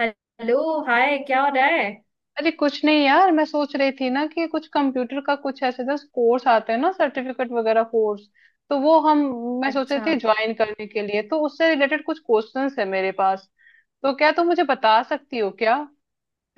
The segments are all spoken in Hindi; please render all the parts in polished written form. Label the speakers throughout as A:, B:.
A: हेलो। हाय, क्या हो रहा है?
B: अरे, कुछ नहीं यार। मैं सोच रही थी ना कि कुछ कंप्यूटर का, कुछ ऐसे जैसे कोर्स आते हैं ना, सर्टिफिकेट वगैरह कोर्स तो वो हम मैं सोच रही
A: अच्छा।
B: थी ज्वाइन करने के लिए। तो उससे रिलेटेड कुछ क्वेश्चंस है मेरे पास, तो क्या तुम मुझे बता सकती हो क्या?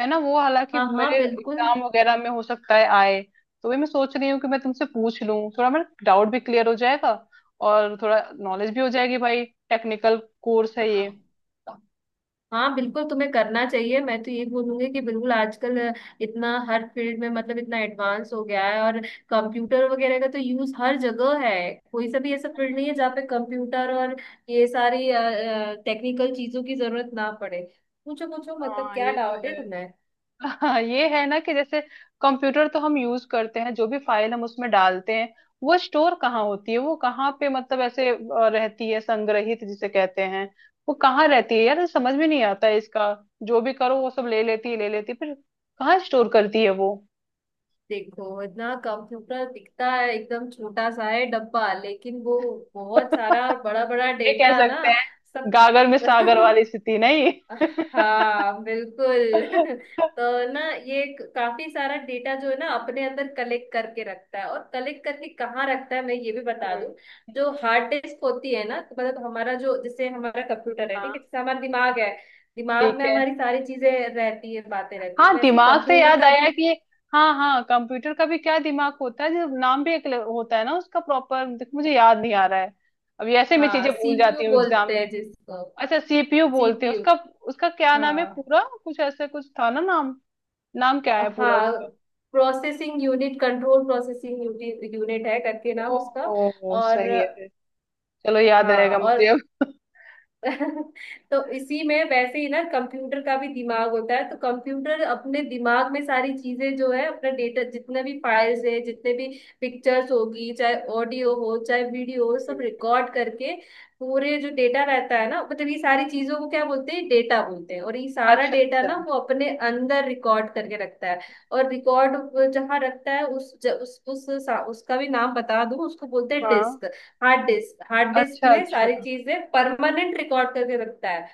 B: है ना, वो हालांकि
A: हाँ हाँ,
B: मेरे
A: बिल्कुल।
B: एग्जाम वगैरह में हो सकता है आए, तो भी मैं सोच रही हूँ कि मैं तुमसे पूछ लूँ, थोड़ा मेरा डाउट भी क्लियर हो जाएगा और थोड़ा नॉलेज भी हो जाएगी भाई। टेक्निकल कोर्स है ये।
A: हाँ, बिल्कुल तुम्हें करना चाहिए। मैं तो ये बोलूंगी कि बिल्कुल आजकल इतना हर फील्ड में, मतलब इतना एडवांस हो गया है। और कंप्यूटर वगैरह का तो यूज हर जगह है। कोई सा भी ऐसा फील्ड नहीं है जहाँ पे कंप्यूटर और ये सारी टेक्निकल चीजों की जरूरत ना पड़े। पूछो पूछो, मतलब
B: हाँ,
A: क्या
B: ये तो
A: डाउट है
B: है।
A: तुम्हें?
B: हाँ, ये है ना कि जैसे कंप्यूटर तो हम यूज करते हैं, जो भी फाइल हम उसमें डालते हैं वो स्टोर कहाँ होती है? वो कहाँ पे मतलब ऐसे रहती है, संग्रहित जिसे कहते हैं। वो कहाँ रहती है यार? ये समझ में नहीं आता है इसका। जो भी करो वो सब ले लेती है, ले लेती है, फिर कहाँ स्टोर करती है वो?
A: देखो, इतना कंप्यूटर दिखता है एकदम छोटा सा है डब्बा, लेकिन वो बहुत सारा बड़ा बड़ा
B: ये कह
A: डेटा ना
B: सकते हैं,
A: सब।
B: गागर में सागर वाली स्थिति नहीं?
A: हाँ,
B: हम्म,
A: बिल्कुल। तो ना, ये काफी सारा डेटा जो है ना अपने अंदर कलेक्ट करके रखता है। और कलेक्ट करके कहाँ रखता है, मैं ये भी बता दूं। जो
B: हम्म,
A: हार्ड डिस्क होती है ना, तो मतलब हमारा जो, जैसे हमारा कंप्यूटर है ठीक है,
B: हाँ,
A: जैसे हमारा दिमाग है। दिमाग
B: ठीक
A: में
B: है।
A: हमारी सारी चीजें रहती है, बातें रहती है,
B: हाँ,
A: वैसे
B: दिमाग से
A: कंप्यूटर
B: याद
A: का
B: आया
A: भी।
B: कि हाँ हाँ, कंप्यूटर का भी क्या दिमाग होता है जो नाम भी एक होता है ना उसका प्रॉपर? मुझे याद नहीं आ रहा है, अभी ऐसे मैं
A: हाँ,
B: चीजें भूल
A: CPU
B: जाती हूँ एग्जाम
A: बोलते
B: में।
A: हैं जिसको।
B: अच्छा, सीपीयू बोलते हैं
A: सीपीयू।
B: उसका। उसका क्या नाम है
A: हाँ
B: पूरा? कुछ ऐसे कुछ था ना नाम। नाम क्या है पूरा
A: हाँ,
B: उसका?
A: Processing unit, control processing unit है करके नाम उसका।
B: ओ,
A: और,
B: सही है फिर। चलो, याद
A: हाँ
B: रहेगा
A: और।
B: मुझे अब।
A: तो इसी में वैसे ही ना कंप्यूटर का भी दिमाग होता है। तो कंप्यूटर अपने दिमाग में सारी चीजें जो है, अपना डेटा, जितने भी फाइल्स है, जितने भी पिक्चर्स होगी, चाहे ऑडियो हो चाहे वीडियो हो, सब
B: हम्म,
A: रिकॉर्ड करके पूरे जो डेटा रहता है ना, मतलब ये सारी चीजों को क्या बोलते हैं, डेटा बोलते हैं। और ये सारा
B: अच्छा
A: डेटा ना
B: अच्छा।
A: वो अपने अंदर रिकॉर्ड करके रखता है। और रिकॉर्ड जहाँ रखता है उस उसका भी नाम बता दूं। उसको बोलते हैं
B: हाँ।
A: Disk. Hard disk. Hard disk
B: अच्छा
A: में
B: अच्छा।
A: सारी चीजें परमानेंट रिकॉर्ड करके रखता है।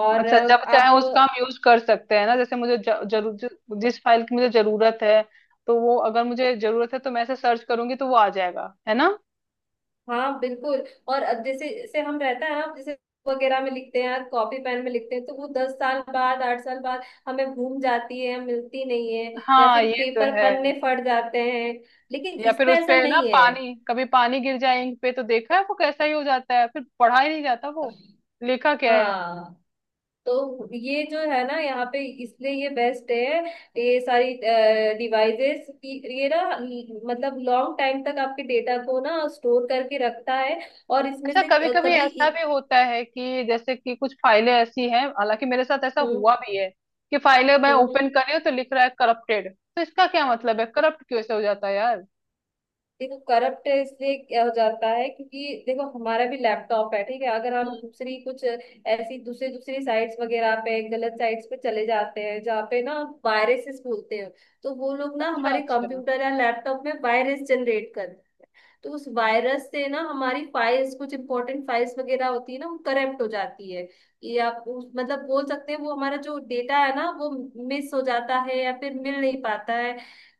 A: और
B: अच्छा, जब
A: आप।
B: चाहे उसका हम यूज कर सकते हैं ना? जैसे मुझे जिस फाइल की मुझे जरूरत है, तो वो अगर मुझे जरूरत है तो मैं ऐसे सर्च करूंगी तो वो आ जाएगा, है ना?
A: हाँ, बिल्कुल। और अब जैसे जैसे हम रहता है ना, जैसे वगैरह में लिखते हैं, कॉपी पेन में लिखते हैं, तो वो 10 साल बाद, 8 साल बाद हमें घूम जाती है, मिलती नहीं है। या
B: हाँ,
A: फिर
B: ये तो
A: पेपर
B: है।
A: पन्ने फट जाते हैं। लेकिन
B: या फिर
A: इसमें
B: उस
A: ऐसा
B: पे ना
A: नहीं है।
B: पानी, कभी पानी गिर जाए इंक पे तो देखा है वो कैसा ही हो जाता है, फिर पढ़ा ही नहीं जाता वो लिखा क्या है।
A: हाँ, तो ये जो है ना यहाँ पे, इसलिए ये बेस्ट है। ये सारी डिवाइसेस ये ना, मतलब लॉन्ग टाइम तक आपके डेटा को ना स्टोर करके रखता है। और इसमें
B: अच्छा,
A: से
B: कभी कभी
A: कभी
B: ऐसा भी होता है कि जैसे कि कुछ फाइलें ऐसी हैं, हालांकि मेरे साथ ऐसा
A: हम्म।
B: हुआ भी है कि फाइलें मैं
A: हम्म।
B: ओपन
A: हम्म।
B: कर रही हूँ तो लिख रहा है करप्टेड, तो इसका क्या मतलब है? करप्ट कैसे हो जाता है यार?
A: देखो, करप्ट इसलिए क्या हो जाता है क्योंकि देखो, हमारा भी लैपटॉप है ठीक है, अगर हम दूसरी कुछ ऐसी दूसरी दूसरी साइट्स वगैरह पे, गलत साइट्स पे चले जाते हैं जहाँ पे ना वायरसेस बोलते हैं। तो वो लोग ना
B: अच्छा
A: हमारे
B: अच्छा।
A: कंप्यूटर या लैपटॉप में वायरस जनरेट कर। तो उस वायरस से ना हमारी फाइल्स, कुछ इंपॉर्टेंट फाइल्स वगैरह होती है ना, वो करप्ट हो जाती है। ये आप मतलब बोल सकते हैं वो हमारा जो डेटा है ना, वो मिस हो जाता है या फिर मिल नहीं पाता है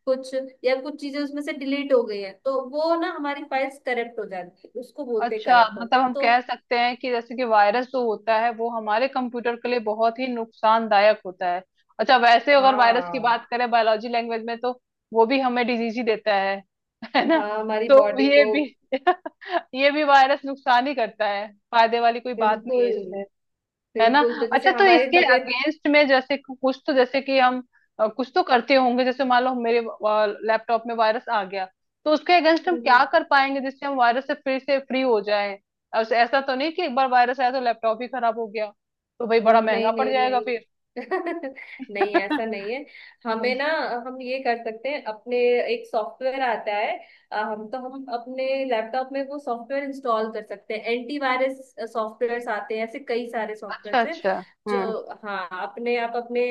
A: कुछ, या कुछ चीजें उसमें से डिलीट हो गई है, तो वो ना हमारी फाइल्स करप्ट हो जाती है। उसको बोलते हैं
B: अच्छा
A: करप्ट होना
B: मतलब हम
A: तो।
B: कह सकते हैं कि जैसे कि वायरस जो होता है वो हमारे कंप्यूटर के लिए बहुत ही नुकसानदायक होता है। अच्छा, वैसे अगर वायरस की
A: हाँ
B: बात करें बायोलॉजी लैंग्वेज में तो वो भी हमें डिजीज ही देता है। है ना?
A: हाँ, हमारी
B: तो
A: बॉडी
B: ये
A: को।
B: भी ये भी वायरस नुकसान ही करता है, फायदे वाली कोई बात नहीं
A: बिल्कुल।
B: है, है ना?
A: बिल्कुल, तो जैसे
B: अच्छा, तो
A: हमारी
B: इसके अगेंस्ट में जैसे कुछ तो जैसे कि हम कुछ तो करते होंगे। जैसे मान लो मेरे लैपटॉप में वायरस आ गया, तो उसके अगेंस्ट हम क्या
A: तबीयत।
B: कर पाएंगे जिससे हम वायरस से फिर से फ्री हो जाए? ऐसा तो नहीं कि एक बार वायरस आया तो लैपटॉप ही खराब हो गया, तो भाई बड़ा महंगा
A: नहीं
B: पड़
A: नहीं
B: जाएगा
A: नहीं।
B: फिर।
A: नहीं, ऐसा नहीं है। हमें
B: हम्म,
A: ना, हम ये कर सकते हैं अपने। एक सॉफ्टवेयर आता है। हम तो हम अपने लैपटॉप में वो सॉफ्टवेयर इंस्टॉल कर सकते हैं। एंटीवायरस सॉफ्टवेयर्स आते हैं, ऐसे कई सारे
B: अच्छा
A: सॉफ्टवेयर्स हैं
B: अच्छा, हम्म,
A: जो, हाँ, अपने आप अपने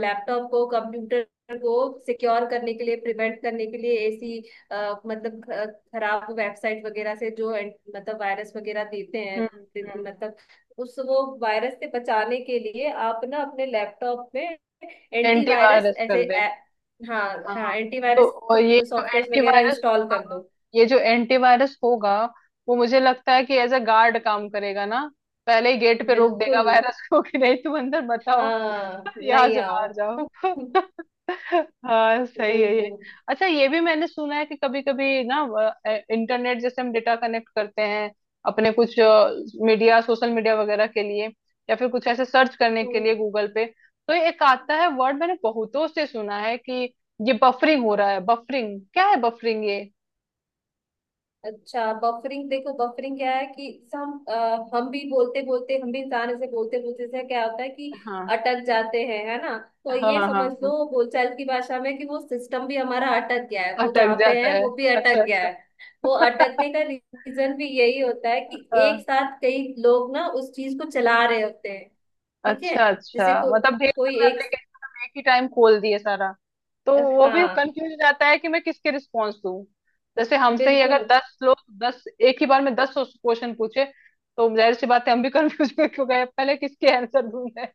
A: लैपटॉप को, कंप्यूटर को सिक्योर करने के लिए, प्रिवेंट करने के लिए ऐसी मतलब खराब वेबसाइट वगैरह से जो मतलब वायरस वगैरह देते हैं,
B: हम्म, हम्म,
A: मतलब उस वो वायरस से बचाने के लिए आप ना अपने लैपटॉप में एंटीवायरस
B: एंटीवायरस कर
A: ऐसे
B: दे।
A: हाँ हाँ,
B: हाँ। तो
A: एंटीवायरस
B: और ये जो
A: सॉफ्टवेयर वगैरह
B: एंटीवायरस
A: इंस्टॉल
B: होगा,
A: कर दो।
B: ये जो एंटीवायरस होगा वो मुझे लगता है कि एज अ गार्ड काम करेगा ना? पहले ही गेट पे रोक देगा
A: बिल्कुल।
B: वायरस को कि नहीं, तुम अंदर मत आओ,
A: हाँ,
B: यहाँ
A: नहीं
B: से
A: आओ।
B: बाहर जाओ। हाँ, सही है ये।
A: बिल्कुल।
B: अच्छा, ये भी मैंने सुना है कि कभी कभी ना इंटरनेट, जैसे हम डेटा कनेक्ट करते हैं अपने कुछ मीडिया, सोशल मीडिया वगैरह के लिए या फिर कुछ ऐसे सर्च करने के
A: हम्म।
B: लिए गूगल पे, तो एक आता है वर्ड, मैंने बहुतों से सुना है कि ये बफरिंग हो रहा है। बफरिंग क्या है? बफरिंग ये?
A: अच्छा, बफरिंग। देखो, बफरिंग क्या है कि जैसे हम भी बोलते बोलते, हम भी इंसान ऐसे बोलते बोलते से क्या होता है कि
B: हाँ
A: अटक जाते हैं, है ना। तो
B: हाँ
A: ये
B: हाँ,
A: समझ
B: हाँ,
A: लो बोलचाल की भाषा में कि वो सिस्टम भी हमारा अटक गया है, वो
B: अटक
A: जहाँ पे
B: जाता
A: है
B: है।
A: वो भी
B: अच्छा
A: अटक गया
B: अच्छा,
A: है। वो अटकने का रीजन भी यही होता है कि
B: हाँ,
A: एक साथ कई लोग ना उस चीज को चला रहे होते हैं। ठीक है,
B: अच्छा
A: जैसे
B: अच्छा, मतलब ढेर
A: कोई
B: सारे
A: एक।
B: एप्लीकेशन एक ही टाइम खोल दिए सारा, तो वो भी
A: हाँ,
B: कंफ्यूज हो जाता है कि मैं किसके रिस्पॉन्स दूं। जैसे हमसे ही
A: बिल्कुल।
B: अगर 10 लोग, दस एक ही बार में 10 क्वेश्चन पूछे तो जाहिर सी बात है हम भी कंफ्यूज हो क्यों गए, पहले किसके आंसर दूं मैं?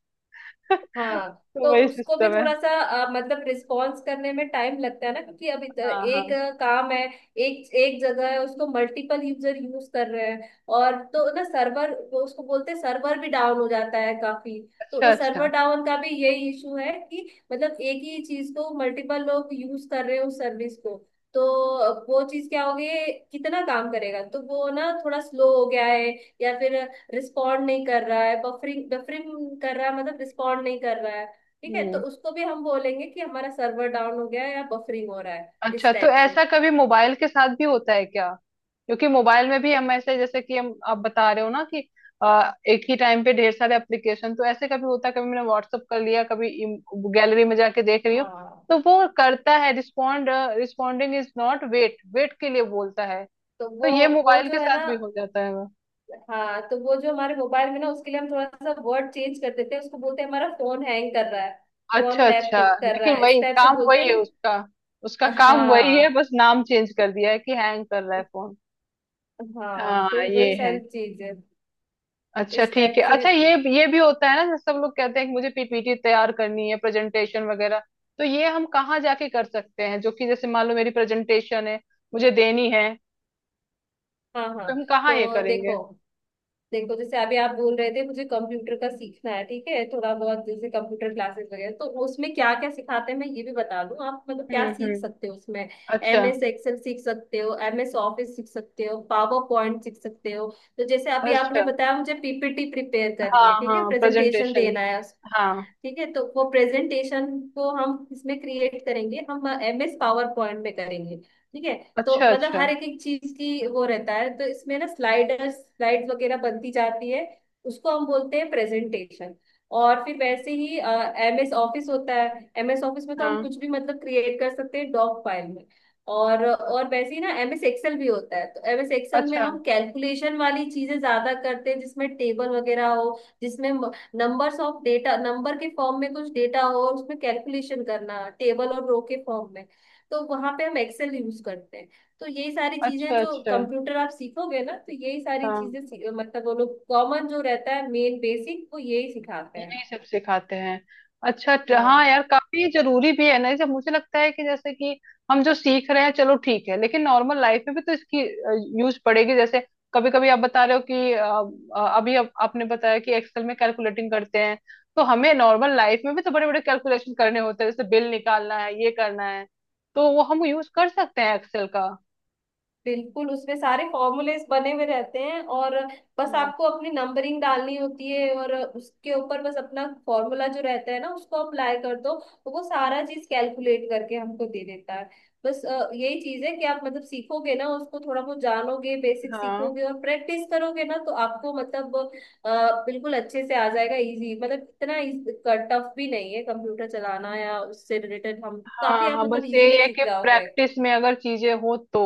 A: हाँ,
B: तो
A: तो
B: वही
A: उसको भी
B: सिस्टम है।
A: थोड़ा सा मतलब रिस्पॉन्स करने में टाइम लगता है ना, क्योंकि अब
B: हाँ,
A: एक
B: हाँ,
A: काम है, एक एक जगह है उसको मल्टीपल यूजर यूज कर रहे हैं। और तो ना सर्वर, उसको बोलते हैं सर्वर भी डाउन हो जाता है काफी। तो
B: अच्छा
A: वो सर्वर
B: अच्छा,
A: डाउन का भी यही इशू है कि मतलब एक ही चीज को मल्टीपल लोग यूज कर रहे हैं उस सर्विस को। तो वो चीज क्या होगी, कितना काम करेगा, तो वो ना थोड़ा स्लो हो गया है, या फिर रिस्पॉन्ड नहीं कर रहा है, बफरिंग बफरिंग कर रहा है, मतलब रिस्पॉन्ड नहीं कर रहा है। ठीक है, तो
B: हम्म।
A: उसको भी हम बोलेंगे कि हमारा सर्वर डाउन हो गया है या बफरिंग हो रहा है
B: अच्छा,
A: इस
B: तो
A: टाइप से।
B: ऐसा कभी मोबाइल के साथ भी होता है क्या? क्योंकि मोबाइल में भी हम ऐसे जैसे कि हम, आप बता रहे हो ना कि एक ही टाइम पे ढेर सारे एप्लीकेशन, तो ऐसे कभी होता है, कभी मैंने व्हाट्सअप कर लिया, कभी गैलरी में जाके देख रही हूँ
A: हाँ,
B: तो वो करता है respond. Responding is not wait, wait के लिए बोलता है।
A: तो
B: तो
A: वो
B: ये
A: वो
B: मोबाइल के
A: जो है ना।
B: साथ भी हो जाता है वो?
A: हाँ, तो वो जो हमारे मोबाइल में ना उसके लिए हम थोड़ा सा वर्ड चेंज कर देते हैं, उसको बोलते हैं हमारा फोन हैंग कर रहा है। फोन
B: अच्छा
A: लैग
B: अच्छा,
A: कर रहा
B: लेकिन
A: है इस
B: वही
A: टाइप से
B: काम
A: बोलते
B: वही
A: हैं
B: है
A: ना।
B: उसका। उसका काम वही है,
A: हाँ
B: बस नाम चेंज कर दिया है कि हैंग कर रहा है फोन।
A: हाँ, तो
B: हाँ, ये
A: वही
B: है।
A: सारी चीज है
B: अच्छा,
A: इस
B: ठीक
A: टाइप
B: है।
A: से।
B: अच्छा ये भी होता है ना जैसे सब लोग कहते हैं कि मुझे पीपीटी तैयार करनी है, प्रेजेंटेशन वगैरह, तो ये हम कहाँ जाके कर सकते हैं? जो कि जैसे मान लो मेरी प्रेजेंटेशन है, मुझे देनी है,
A: हाँ हाँ,
B: तो हम कहाँ ये
A: तो
B: करेंगे?
A: देखो देखो, जैसे अभी आप बोल रहे थे मुझे कंप्यूटर का सीखना है ठीक है, थोड़ा बहुत जैसे कंप्यूटर क्लासेस वगैरह, तो उसमें क्या क्या सिखाते हैं मैं ये भी बता दूं, आप मतलब क्या सीख
B: हम्म,
A: सकते हो उसमें।
B: अच्छा।
A: MS एक्सेल सीख सकते हो, एम एस ऑफिस सीख सकते हो, पावर पॉइंट सीख सकते हो। तो जैसे अभी आपने
B: अच्छा।
A: बताया मुझे PPT प्रिपेयर करनी
B: हाँ
A: है ठीक है,
B: हाँ,
A: प्रेजेंटेशन
B: प्रेजेंटेशन।
A: देना है।
B: हाँ।
A: ठीक है, तो वो प्रेजेंटेशन को हम इसमें क्रिएट करेंगे, हम MS पावर पॉइंट में करेंगे। ठीक है, तो
B: अच्छा
A: मतलब
B: अच्छा।
A: हर एक एक चीज की वो रहता है, तो इसमें ना स्लाइडर्स, स्लाइड्स वगैरह बनती जाती है। उसको हम बोलते हैं प्रेजेंटेशन। और फिर वैसे ही एमएस ऑफिस होता है, एमएस ऑफिस में तो हम
B: हाँ।
A: कुछ भी मतलब क्रिएट कर सकते हैं डॉक फाइल में। और वैसे ही ना एमएस एक्सेल भी होता है, तो एमएस एक्सेल में
B: अच्छा
A: हम कैलकुलेशन वाली चीजें ज्यादा करते हैं, जिसमें टेबल वगैरह हो, जिसमें नंबर्स ऑफ डेटा, नंबर के फॉर्म में कुछ डेटा हो और उसमें कैलकुलेशन करना टेबल और रो के फॉर्म में। तो वहां पे हम एक्सेल यूज करते हैं। तो यही सारी चीजें
B: अच्छा।
A: जो
B: अच्छा।
A: कंप्यूटर आप सीखोगे ना, तो यही सारी
B: हाँ,
A: चीजें मतलब वो लोग कॉमन जो रहता है, मेन बेसिक वो यही सिखाते हैं।
B: यही सब सिखाते हैं। अच्छा हाँ
A: हाँ
B: यार, काफी जरूरी भी है ना? जैसे मुझे लगता है कि जैसे कि हम जो सीख रहे हैं चलो ठीक है, लेकिन नॉर्मल लाइफ में भी तो इसकी यूज पड़ेगी। जैसे कभी कभी आप बता रहे हो कि अभी आपने बताया कि एक्सेल में कैलकुलेटिंग करते हैं, तो हमें नॉर्मल लाइफ में भी तो बड़े बड़े कैलकुलेशन करने होते हैं, जैसे बिल निकालना है, ये करना है, तो वो हम यूज कर सकते हैं एक्सेल का।
A: बिल्कुल, उसमें सारे फॉर्मूलेस बने हुए रहते हैं, और बस
B: हम्म।
A: आपको अपनी नंबरिंग डालनी होती है। और उसके ऊपर बस अपना फॉर्मूला जो रहता है ना उसको अप्लाई कर दो, तो वो सारा चीज कैलकुलेट करके हमको दे देता है। बस यही चीज है कि आप मतलब सीखोगे ना, उसको थोड़ा बहुत जानोगे, बेसिक
B: हाँ
A: सीखोगे और प्रैक्टिस करोगे ना, तो आपको मतलब बिल्कुल अच्छे से आ जाएगा, इजी, मतलब इतना टफ भी नहीं है कंप्यूटर चलाना या उससे रिलेटेड, हम
B: हाँ,
A: काफी, आप
B: हाँ
A: मतलब
B: बस यही
A: इजीली
B: है
A: सीख
B: कि
A: जाओगे।
B: प्रैक्टिस में अगर चीजें हो तो।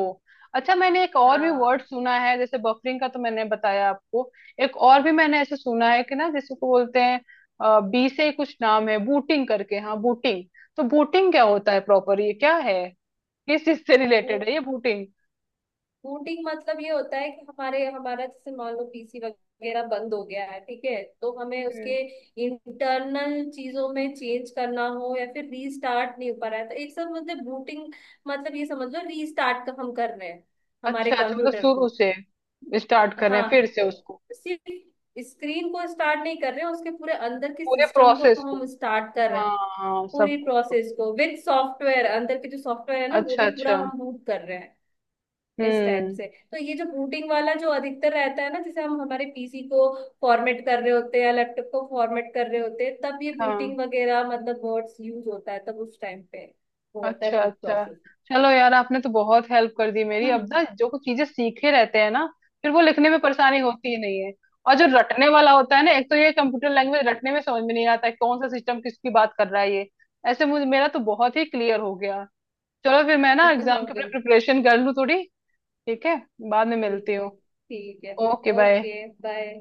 B: अच्छा, मैंने एक और भी वर्ड
A: हाँ।
B: सुना है, जैसे बफरिंग का तो मैंने बताया आपको, एक और भी मैंने ऐसे सुना है कि ना जिसको बोलते हैं बी से ही कुछ नाम है बूटिंग करके, हाँ बूटिंग। तो बूटिंग क्या होता है प्रॉपर? ये क्या है? किस चीज से
A: वो
B: रिलेटेड है ये बूटिंग?
A: बूटिंग मतलब ये होता है कि हमारे हमारा जैसे मान लो PC वगैरह बंद हो गया है ठीक है, तो हमें उसके
B: हम्म,
A: इंटरनल चीजों में चेंज करना हो या फिर रीस्टार्ट नहीं हो पा रहा है, तो एक सब मतलब बूटिंग, मतलब ये समझ लो रीस्टार्ट का हम कर रहे हैं हमारे
B: अच्छा अच्छा, मतलब
A: कंप्यूटर
B: शुरू
A: को।
B: से स्टार्ट कर रहे हैं फिर
A: हाँ,
B: से
A: तो
B: उसको।
A: सिर्फ स्क्रीन को स्टार्ट नहीं कर रहे हैं, उसके पूरे अंदर के
B: पूरे
A: सिस्टम को
B: प्रोसेस को।
A: हम स्टार्ट कर रहे
B: हाँ,
A: हैं।
B: हाँ,
A: पूरी
B: सबको।
A: प्रोसेस को विद सॉफ्टवेयर, अंदर के जो सॉफ्टवेयर है ना वो
B: अच्छा
A: भी पूरा
B: अच्छा,
A: हम बूट कर रहे हैं, इस टाइप
B: हम्म,
A: से। तो ये जो बूटिंग वाला जो अधिकतर रहता है ना, जैसे हम हमारे पीसी को फॉर्मेट कर रहे होते हैं या लैपटॉप को फॉर्मेट कर रहे होते हैं, तब ये
B: हाँ,
A: बूटिंग वगैरह मतलब वर्ड्स यूज होता है, तब उस टाइम पे वो होता है
B: अच्छा
A: बूट
B: अच्छा।
A: प्रोसेस।
B: चलो यार, आपने तो बहुत हेल्प कर दी मेरी। अब ना जो कुछ चीजें सीखे रहते हैं ना, फिर वो लिखने में परेशानी होती ही नहीं है। और जो रटने वाला होता है ना, एक तो ये कंप्यूटर लैंग्वेज रटने में समझ में नहीं आता है कौन सा सिस्टम किसकी बात कर रहा है ये। ऐसे मुझे, मेरा तो बहुत ही क्लियर हो गया। चलो फिर मैं ना एग्जाम की
A: बिल्कुल।
B: प्रिपरेशन कर लूँ थोड़ी। ठीक है, बाद में मिलती
A: बिल्कुल,
B: हूँ।
A: ठीक है।
B: Okay, bye.
A: Okay, bye.